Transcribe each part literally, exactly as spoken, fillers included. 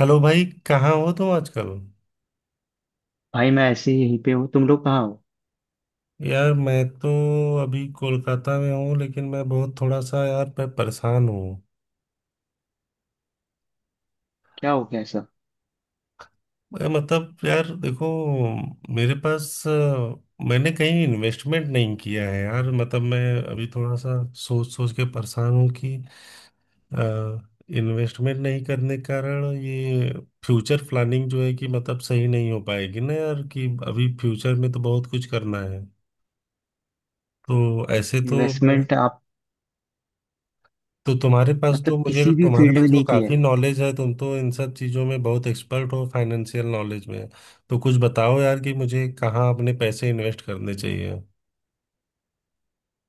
Hello भाई, कहाँ हो तुम आजकल? भाई मैं ऐसे ही यहीं पे हूँ। तुम लोग कहाँ हो? यार, मैं तो अभी कोलकाता में हूँ, लेकिन मैं बहुत थोड़ा सा, यार, मैं परेशान हूँ। क्या हो गया ऐसा? मैं मतलब, यार, देखो, मेरे पास अ, मैंने कहीं इन्वेस्टमेंट नहीं किया है, यार। मतलब मैं अभी थोड़ा सा सोच सोच के परेशान हूँ कि इन्वेस्टमेंट नहीं करने के कारण ये फ्यूचर प्लानिंग जो है कि मतलब सही नहीं हो पाएगी ना, यार, कि अभी फ्यूचर में तो बहुत कुछ करना है। तो ऐसे तो इन्वेस्टमेंट आप तो तुम्हारे पास मतलब तो मुझे किसी भी तुम्हारे फील्ड में पास तो नहीं किया है? काफी नॉलेज है। तुम तो इन सब चीजों में बहुत एक्सपर्ट हो, फाइनेंशियल नॉलेज में। तो कुछ बताओ यार, कि मुझे कहाँ अपने पैसे इन्वेस्ट करने चाहिए।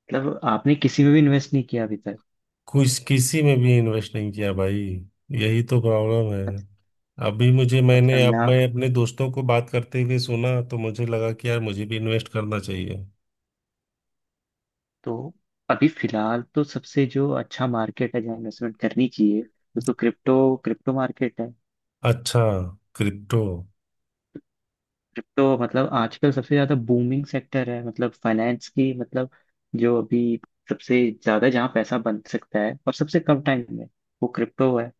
मतलब आपने किसी में भी इन्वेस्ट नहीं किया अभी तक? कुछ किसी में भी इन्वेस्ट नहीं किया भाई, यही तो प्रॉब्लम है। मत- अभी मुझे मैंने मतलब अब ना। मैं अपने दोस्तों को बात करते हुए सुना, तो मुझे लगा कि यार, मुझे भी इन्वेस्ट करना चाहिए। तो अभी फिलहाल तो सबसे जो अच्छा मार्केट है जहाँ इन्वेस्टमेंट करनी चाहिए, वो तो क्रिप्टो क्रिप्टो मार्केट है। अच्छा। क्रिप्टो। क्रिप्टो मतलब आजकल सबसे ज्यादा बूमिंग सेक्टर है, मतलब फाइनेंस की। मतलब जो अभी सबसे ज्यादा जहाँ पैसा बन सकता है, और सबसे कम टाइम में, वो क्रिप्टो है।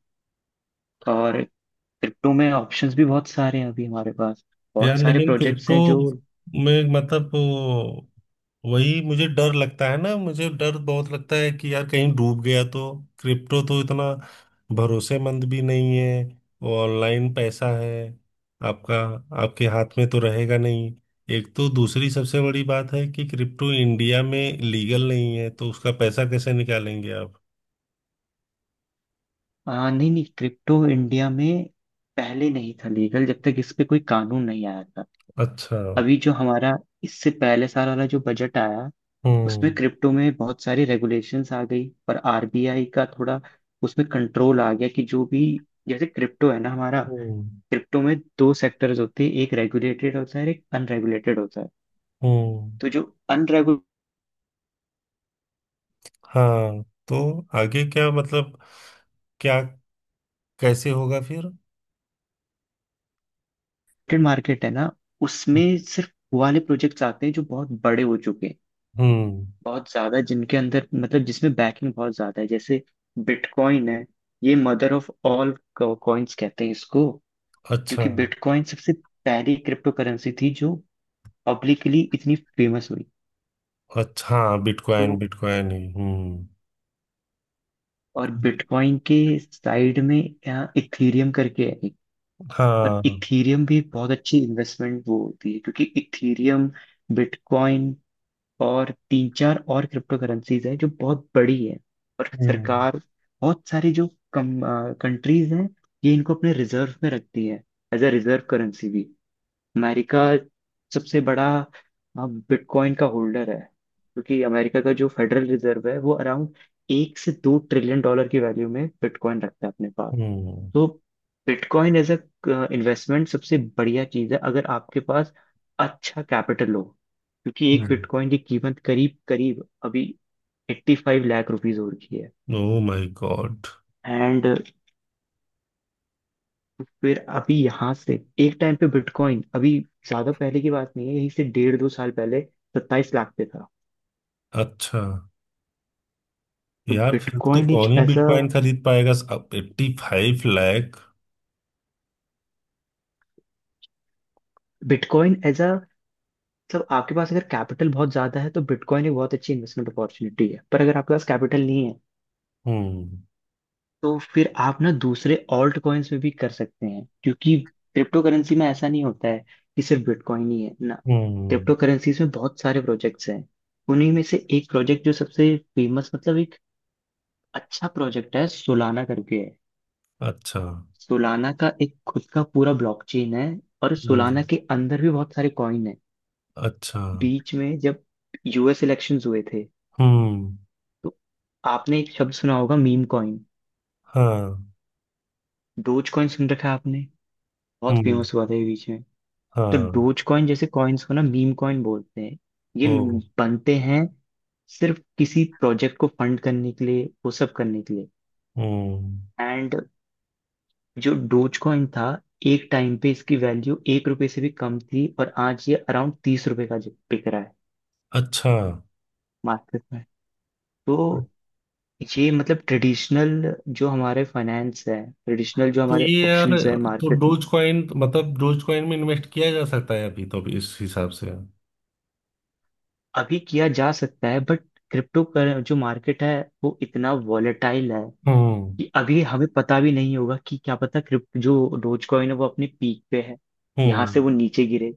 और क्रिप्टो में ऑप्शंस भी बहुत सारे हैं अभी हमारे पास, यार, बहुत सारे लेकिन प्रोजेक्ट्स क्रिप्टो हैं जो में मतलब वो- वही मुझे डर लगता है ना। मुझे डर बहुत लगता है कि यार, कहीं डूब गया तो। क्रिप्टो तो इतना भरोसेमंद भी नहीं है। वो ऑनलाइन पैसा है आपका, आपके हाथ में तो रहेगा नहीं। एक तो दूसरी सबसे बड़ी बात है कि क्रिप्टो इंडिया में लीगल नहीं है, तो उसका पैसा कैसे निकालेंगे आप? आ, नहीं नहीं, क्रिप्टो इंडिया में पहले नहीं था लीगल, जब तक इस पे कोई कानून नहीं आया था। अच्छा। अभी जो हमारा इससे पहले साल वाला जो बजट आया, हम्म। उसमें क्रिप्टो में बहुत सारी रेगुलेशंस आ गई, पर आर बी आई का थोड़ा उसमें कंट्रोल आ गया, कि जो भी, जैसे क्रिप्टो है ना हमारा, हम्म। क्रिप्टो में दो सेक्टर्स होते हैं, एक रेगुलेटेड होता है और एक अनरेगुलेटेड होता है। हम्म। तो जो हाँ, तो आगे क्या, मतलब क्या, कैसे होगा फिर? मार्केट है ना, उसमें सिर्फ वो वाले प्रोजेक्ट्स आते हैं जो बहुत बड़े हो चुके हैं, हम्म। बहुत ज्यादा जिनके अंदर मतलब जिसमें बैकिंग बहुत ज्यादा है। जैसे बिटकॉइन है, ये मदर ऑफ ऑल कॉइन्स कहते हैं इसको, अच्छा। क्योंकि बिटकॉइन सबसे पहली क्रिप्टो करेंसी थी जो पब्लिकली इतनी फेमस हुई। अच्छा हाँ, बिटकॉइन तो बिटकॉइन ही। हम्म। और बि- बिटकॉइन के साइड में यहाँ इथीरियम करके है एक। पर हाँ। इथीरियम भी बहुत अच्छी इन्वेस्टमेंट वो होती है, क्योंकि इथीरियम, बिटकॉइन और तीन चार और क्रिप्टो करेंसीज हैं जो बहुत बड़ी है। और हम्म। सरकार, बहुत सारी जो कम कंट्रीज हैं, ये इनको अपने रिजर्व में रखती है, एज अ रिजर्व करेंसी भी। अमेरिका सबसे बड़ा बिटकॉइन का होल्डर है, क्योंकि अमेरिका का जो फेडरल रिजर्व है वो अराउंड एक से दो ट्रिलियन डॉलर की वैल्यू में बिटकॉइन रखता है अपने पास। हम्म। तो बिटकॉइन एज अ इन्वेस्टमेंट सबसे बढ़िया चीज है अगर आपके पास अच्छा कैपिटल हो, क्योंकि एक बिटकॉइन की कीमत करीब करीब अभी एट्टी फाइव लाख रुपीज हो रखी है। Oh my god. एंड फिर अभी यहाँ से एक टाइम पे बिटकॉइन, अभी ज्यादा पहले की बात नहीं है, यहीं से डेढ़ दो साल पहले सत्ताईस लाख पे था। अच्छा। तो यार, फिर तो बिटकॉइन कौन एक ही ऐसा, बिटकॉइन खरीद पाएगा, अब eighty five lakh. Bitcoin as a, मतलब आपके पास अगर कैपिटल बहुत ज्यादा है तो बिटकॉइन एक बहुत अच्छी इन्वेस्टमेंट अपॉर्चुनिटी है, पर अगर आपके पास कैपिटल नहीं है, हम्म। तो फिर आप ना दूसरे ऑल्ट कॉइन्स में भी कर सकते हैं, क्योंकि क्रिप्टो करेंसी में ऐसा नहीं होता है कि सिर्फ बिटकॉइन ही है ना। हम्म। क्रिप्टो करेंसीज में बहुत सारे प्रोजेक्ट्स हैं। उन्हीं में से एक प्रोजेक्ट जो सबसे फेमस, मतलब एक अच्छा प्रोजेक्ट है, सोलाना करके है। अच्छा। सोलाना का एक खुद का पूरा ब्लॉकचेन है, और हम्म। सोलाना के अंदर भी बहुत सारे कॉइन है। अच्छा। बीच में जब यू एस इलेक्शंस हुए थे, हम्म। तो आपने एक शब्द सुना होगा, मीम कॉइन। हाँ। डोज कॉइन सुन रखा है आपने? बहुत हम्म। फेमस हुआ था ये बीच में। तो हाँ। डोज कॉइन जैसे कॉइन्स को ना मीम कॉइन बोलते हैं। ये ओ। बनते हैं सिर्फ किसी प्रोजेक्ट को फंड करने के लिए, वो सब करने के लिए। हम्म। एंड जो डोज कॉइन था, एक टाइम पे इसकी वैल्यू एक रुपए से भी कम थी, और आज ये अराउंड तीस रुपए का बिक रहा है अच्छा। मार्केट में। तो ये मतलब ट्रेडिशनल जो हमारे फाइनेंस है, ट्रेडिशनल जो तो हमारे ये यार, ऑप्शंस है तो मार्केट में, डोज कॉइन, मतलब डोज कॉइन में इन्वेस्ट किया जा सकता है अभी तो, अभी इस हिसाब से? अभी किया जा सकता है, बट क्रिप्टो कर जो मार्केट है वो इतना वॉलेटाइल है, हम्म। कि अभी हमें पता भी नहीं होगा कि क्या पता क्रिप्ट जो डोज कॉइन है वो अपने पीक पे है, यहाँ हम्म। से वो नीचे गिरे।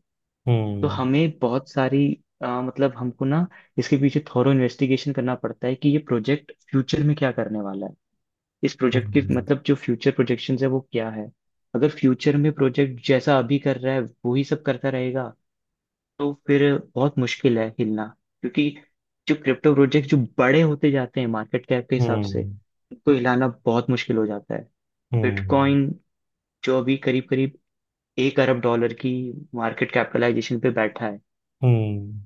तो हम्म। हमें बहुत सारी अ, मतलब हमको ना इसके पीछे थॉरो इन्वेस्टिगेशन करना पड़ता है, कि ये प्रोजेक्ट फ्यूचर में क्या करने वाला है, इस प्रोजेक्ट के हम्म। मतलब जो फ्यूचर प्रोजेक्शंस है वो क्या है। अगर फ्यूचर में प्रोजेक्ट जैसा अभी कर रहा है वही सब करता रहेगा, तो फिर बहुत मुश्किल है हिलना, क्योंकि जो क्रिप्टो प्रोजेक्ट जो बड़े होते जाते हैं मार्केट कैप के हिसाब से, हम्म। उनको हिलाना बहुत मुश्किल हो जाता है। हम्म। बिटकॉइन जो अभी करीब करीब एक अरब डॉलर की मार्केट कैपिटलाइजेशन पे बैठा है, हम्म।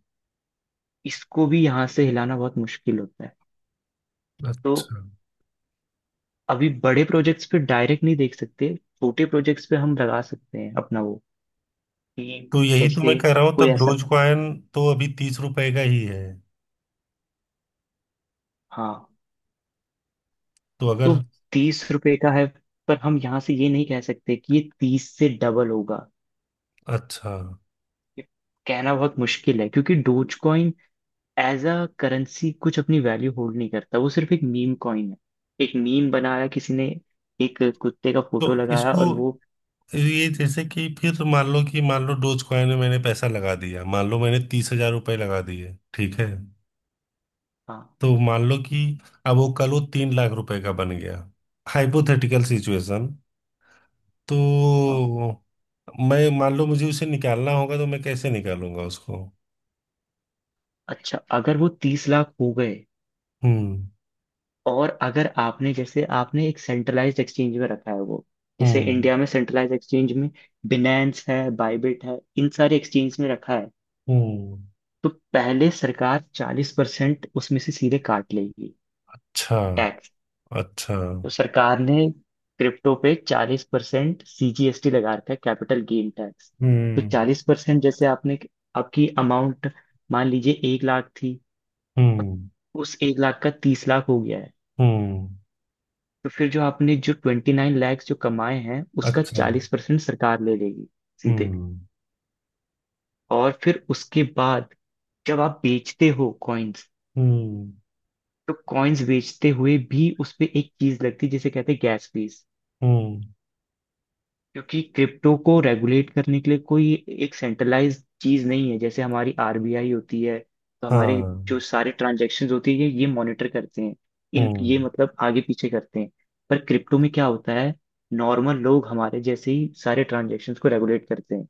इसको भी यहाँ से हिलाना बहुत मुश्किल होता है। तो अच्छा। अभी बड़े प्रोजेक्ट्स पे डायरेक्ट नहीं देख सकते, छोटे प्रोजेक्ट्स पे हम लगा सकते हैं अपना वो, कि तो यही तो मैं जैसे कह रहा हूँ, कोई तब ऐसा। डोज कॉइन तो अभी तीस रुपए का ही है। हाँ, तो अगर, तो तीस रुपए का है, पर हम यहाँ से ये नहीं कह सकते कि ये तीस से डबल होगा। अच्छा, ये कहना बहुत मुश्किल है, क्योंकि Dogecoin as a currency कुछ अपनी वैल्यू होल्ड नहीं करता, वो सिर्फ एक मीम कॉइन है। एक मीम बनाया किसी ने, एक कुत्ते का फोटो तो लगाया, इसको, और वो। ये जैसे कि फिर मान लो कि, मान लो डोज कॉइन में मैंने पैसा लगा दिया, मान लो मैंने तीस हजार रुपए लगा दिए, ठीक है? हाँ, तो मान लो कि अब वो कल वो तीन लाख रुपए का बन गया, हाइपोथेटिकल सिचुएशन। तो हाँ। मैं, मान लो मुझे उसे निकालना होगा, तो मैं कैसे निकालूंगा उसको? अच्छा, अगर वो तीस लाख हो गए, हम्म। और अगर आपने, जैसे आपने एक सेंट्रलाइज्ड एक्सचेंज में रखा है वो, जैसे हम्म। इंडिया में सेंट्रलाइज्ड एक्सचेंज में बिनेंस है, बाइबिट है, इन सारे एक्सचेंज में रखा है, हम्म। तो पहले सरकार चालीस परसेंट उसमें से सीधे काट लेगी, अच्छा। टैक्स। अच्छा। तो सरकार ने क्रिप्टो पे चालीस परसेंट सी जी एस टी लगा रखा है, कैपिटल गेन टैक्स। तो हम्म। चालीस परसेंट, जैसे आपने, आपकी अमाउंट मान लीजिए एक लाख थी, और हम्म। उस एक लाख का तीस लाख हो गया है, हम्म। तो फिर जो आपने जो ट्वेंटी नाइन लैक्स जो कमाए हैं, उसका अच्छा। चालीस परसेंट सरकार ले लेगी सीधे। हम्म। और फिर उसके बाद जब आप बेचते हो कॉइन्स, हम्म। तो कॉइन्स बेचते हुए भी उस पे एक चीज लगती है, जिसे कहते हैं गैस फीस। हम्म। क्योंकि क्रिप्टो को रेगुलेट करने के लिए कोई एक सेंट्रलाइज चीज नहीं है, जैसे हमारी आर बी आई होती है, तो हमारे हाँ। जो सारे ट्रांजेक्शन होती है ये मॉनिटर करते हैं, इन हम्म। ये मतलब आगे पीछे करते हैं। पर क्रिप्टो में क्या होता है, नॉर्मल लोग हमारे जैसे ही सारे ट्रांजेक्शन को रेगुलेट करते हैं,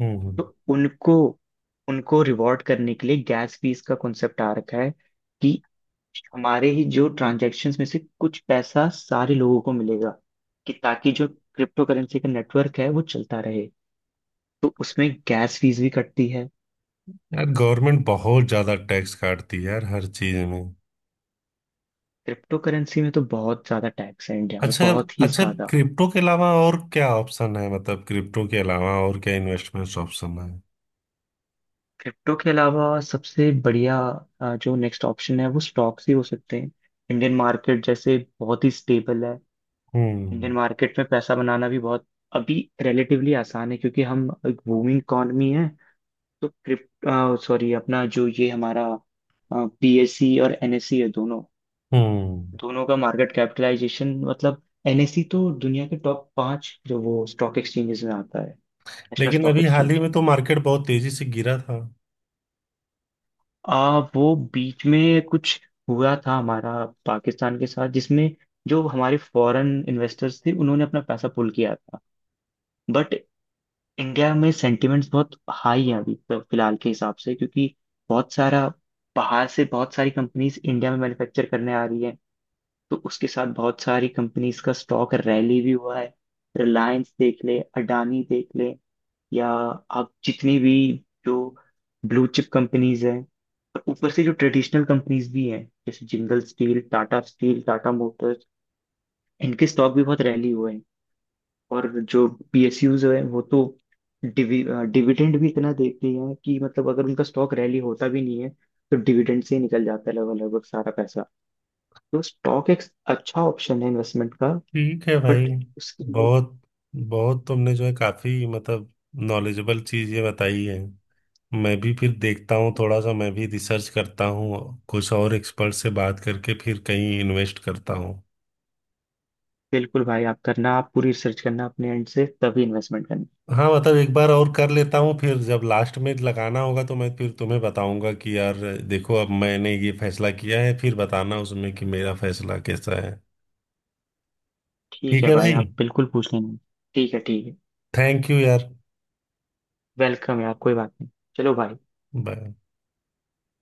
हम्म। हम्म। तो उनको उनको रिवॉर्ड करने के लिए गैस फीस का कॉन्सेप्ट आ रखा है, कि हमारे ही जो ट्रांजैक्शंस में से कुछ पैसा सारे लोगों को मिलेगा, कि ताकि जो क्रिप्टो करेंसी का नेटवर्क है वो चलता रहे, तो उसमें गैस फीस भी कटती है। यार, गवर्नमेंट बहुत ज्यादा टैक्स काटती है, यार, हर चीज में। क्रिप्टो करेंसी में तो बहुत ज्यादा टैक्स है इंडिया में, अच्छा। बहुत ही अच्छा। ज्यादा। क्रिप्टो के अलावा और क्या ऑप्शन है, मतलब क्रिप्टो के अलावा और क्या इन्वेस्टमेंट ऑप्शन है? क्रिप्टो के अलावा सबसे बढ़िया अ, जो नेक्स्ट ऑप्शन है वो स्टॉक्स ही हो सकते हैं। इंडियन मार्केट जैसे बहुत ही स्टेबल है, हम्म। इंडियन मार्केट में पैसा बनाना भी बहुत अभी रिलेटिवली आसान है, क्योंकि हम एक बूमिंग इकॉनमी है। तो क्रिप्टो, सॉरी, अपना जो ये हमारा पी एस सी और एन एस सी है दोनों। हम्म। दोनों का मार्केट कैपिटलाइजेशन, मतलब एन एस सी तो दुनिया के टॉप पांच जो वो स्टॉक एक्सचेंजेस में आता है, नेशनल लेकिन स्टॉक अभी हाल ही एक्सचेंज। में तो मार्केट बहुत तेजी से गिरा था। आ वो बीच में कुछ हुआ था हमारा पाकिस्तान के साथ, जिसमें जो हमारे फॉरेन इन्वेस्टर्स थे उन्होंने अपना पैसा पुल किया था, बट इंडिया में सेंटिमेंट्स बहुत हाई हैं अभी तो फिलहाल के हिसाब से, क्योंकि बहुत सारा बाहर से बहुत सारी कंपनीज इंडिया में मैन्युफैक्चर करने आ रही हैं, तो उसके साथ बहुत सारी कंपनीज का स्टॉक रैली भी हुआ है। रिलायंस देख ले, अडानी देख ले, या आप जितनी भी जो ब्लू चिप कंपनीज हैं, और ऊपर से जो ट्रेडिशनल कंपनीज भी हैं, जैसे Jindal steel, Tata steel, Tata motors, इनके स्टॉक भी बहुत रैली हुए हैं। और जो पी एस यूज़ हैं, वो तो डिवि, डिविडेंड भी इतना देती हैं, कि मतलब अगर उनका स्टॉक रैली होता भी नहीं है, तो डिविडेंड से ही निकल जाता है लगभग लगभग सारा पैसा। तो स्टॉक एक अच्छा ऑप्शन है इन्वेस्टमेंट का, ठीक है भाई। बट उसके लिए, बहुत बहुत, तुमने जो है काफी मतलब नॉलेजेबल चीज ये बताई है। मैं भी फिर देखता हूँ, थोड़ा सा मैं भी रिसर्च करता हूँ, कुछ और एक्सपर्ट से बात करके फिर कहीं इन्वेस्ट करता हूँ। बिल्कुल भाई, आप करना, आप पूरी रिसर्च करना अपने एंड से, तभी इन्वेस्टमेंट करना। हाँ, मतलब एक बार और कर लेता हूँ फिर, जब लास्ट में लगाना होगा तो मैं फिर तुम्हें बताऊंगा कि यार, देखो, अब मैंने ये फैसला किया है, फिर बताना उसमें कि मेरा फैसला कैसा है। ठीक ठीक है है भाई, भाई। आप बिल्कुल पूछ लेना। ठीक है, ठीक है। थैंक यू यार। वेलकम है आप, कोई बात नहीं। चलो भाई। बाय।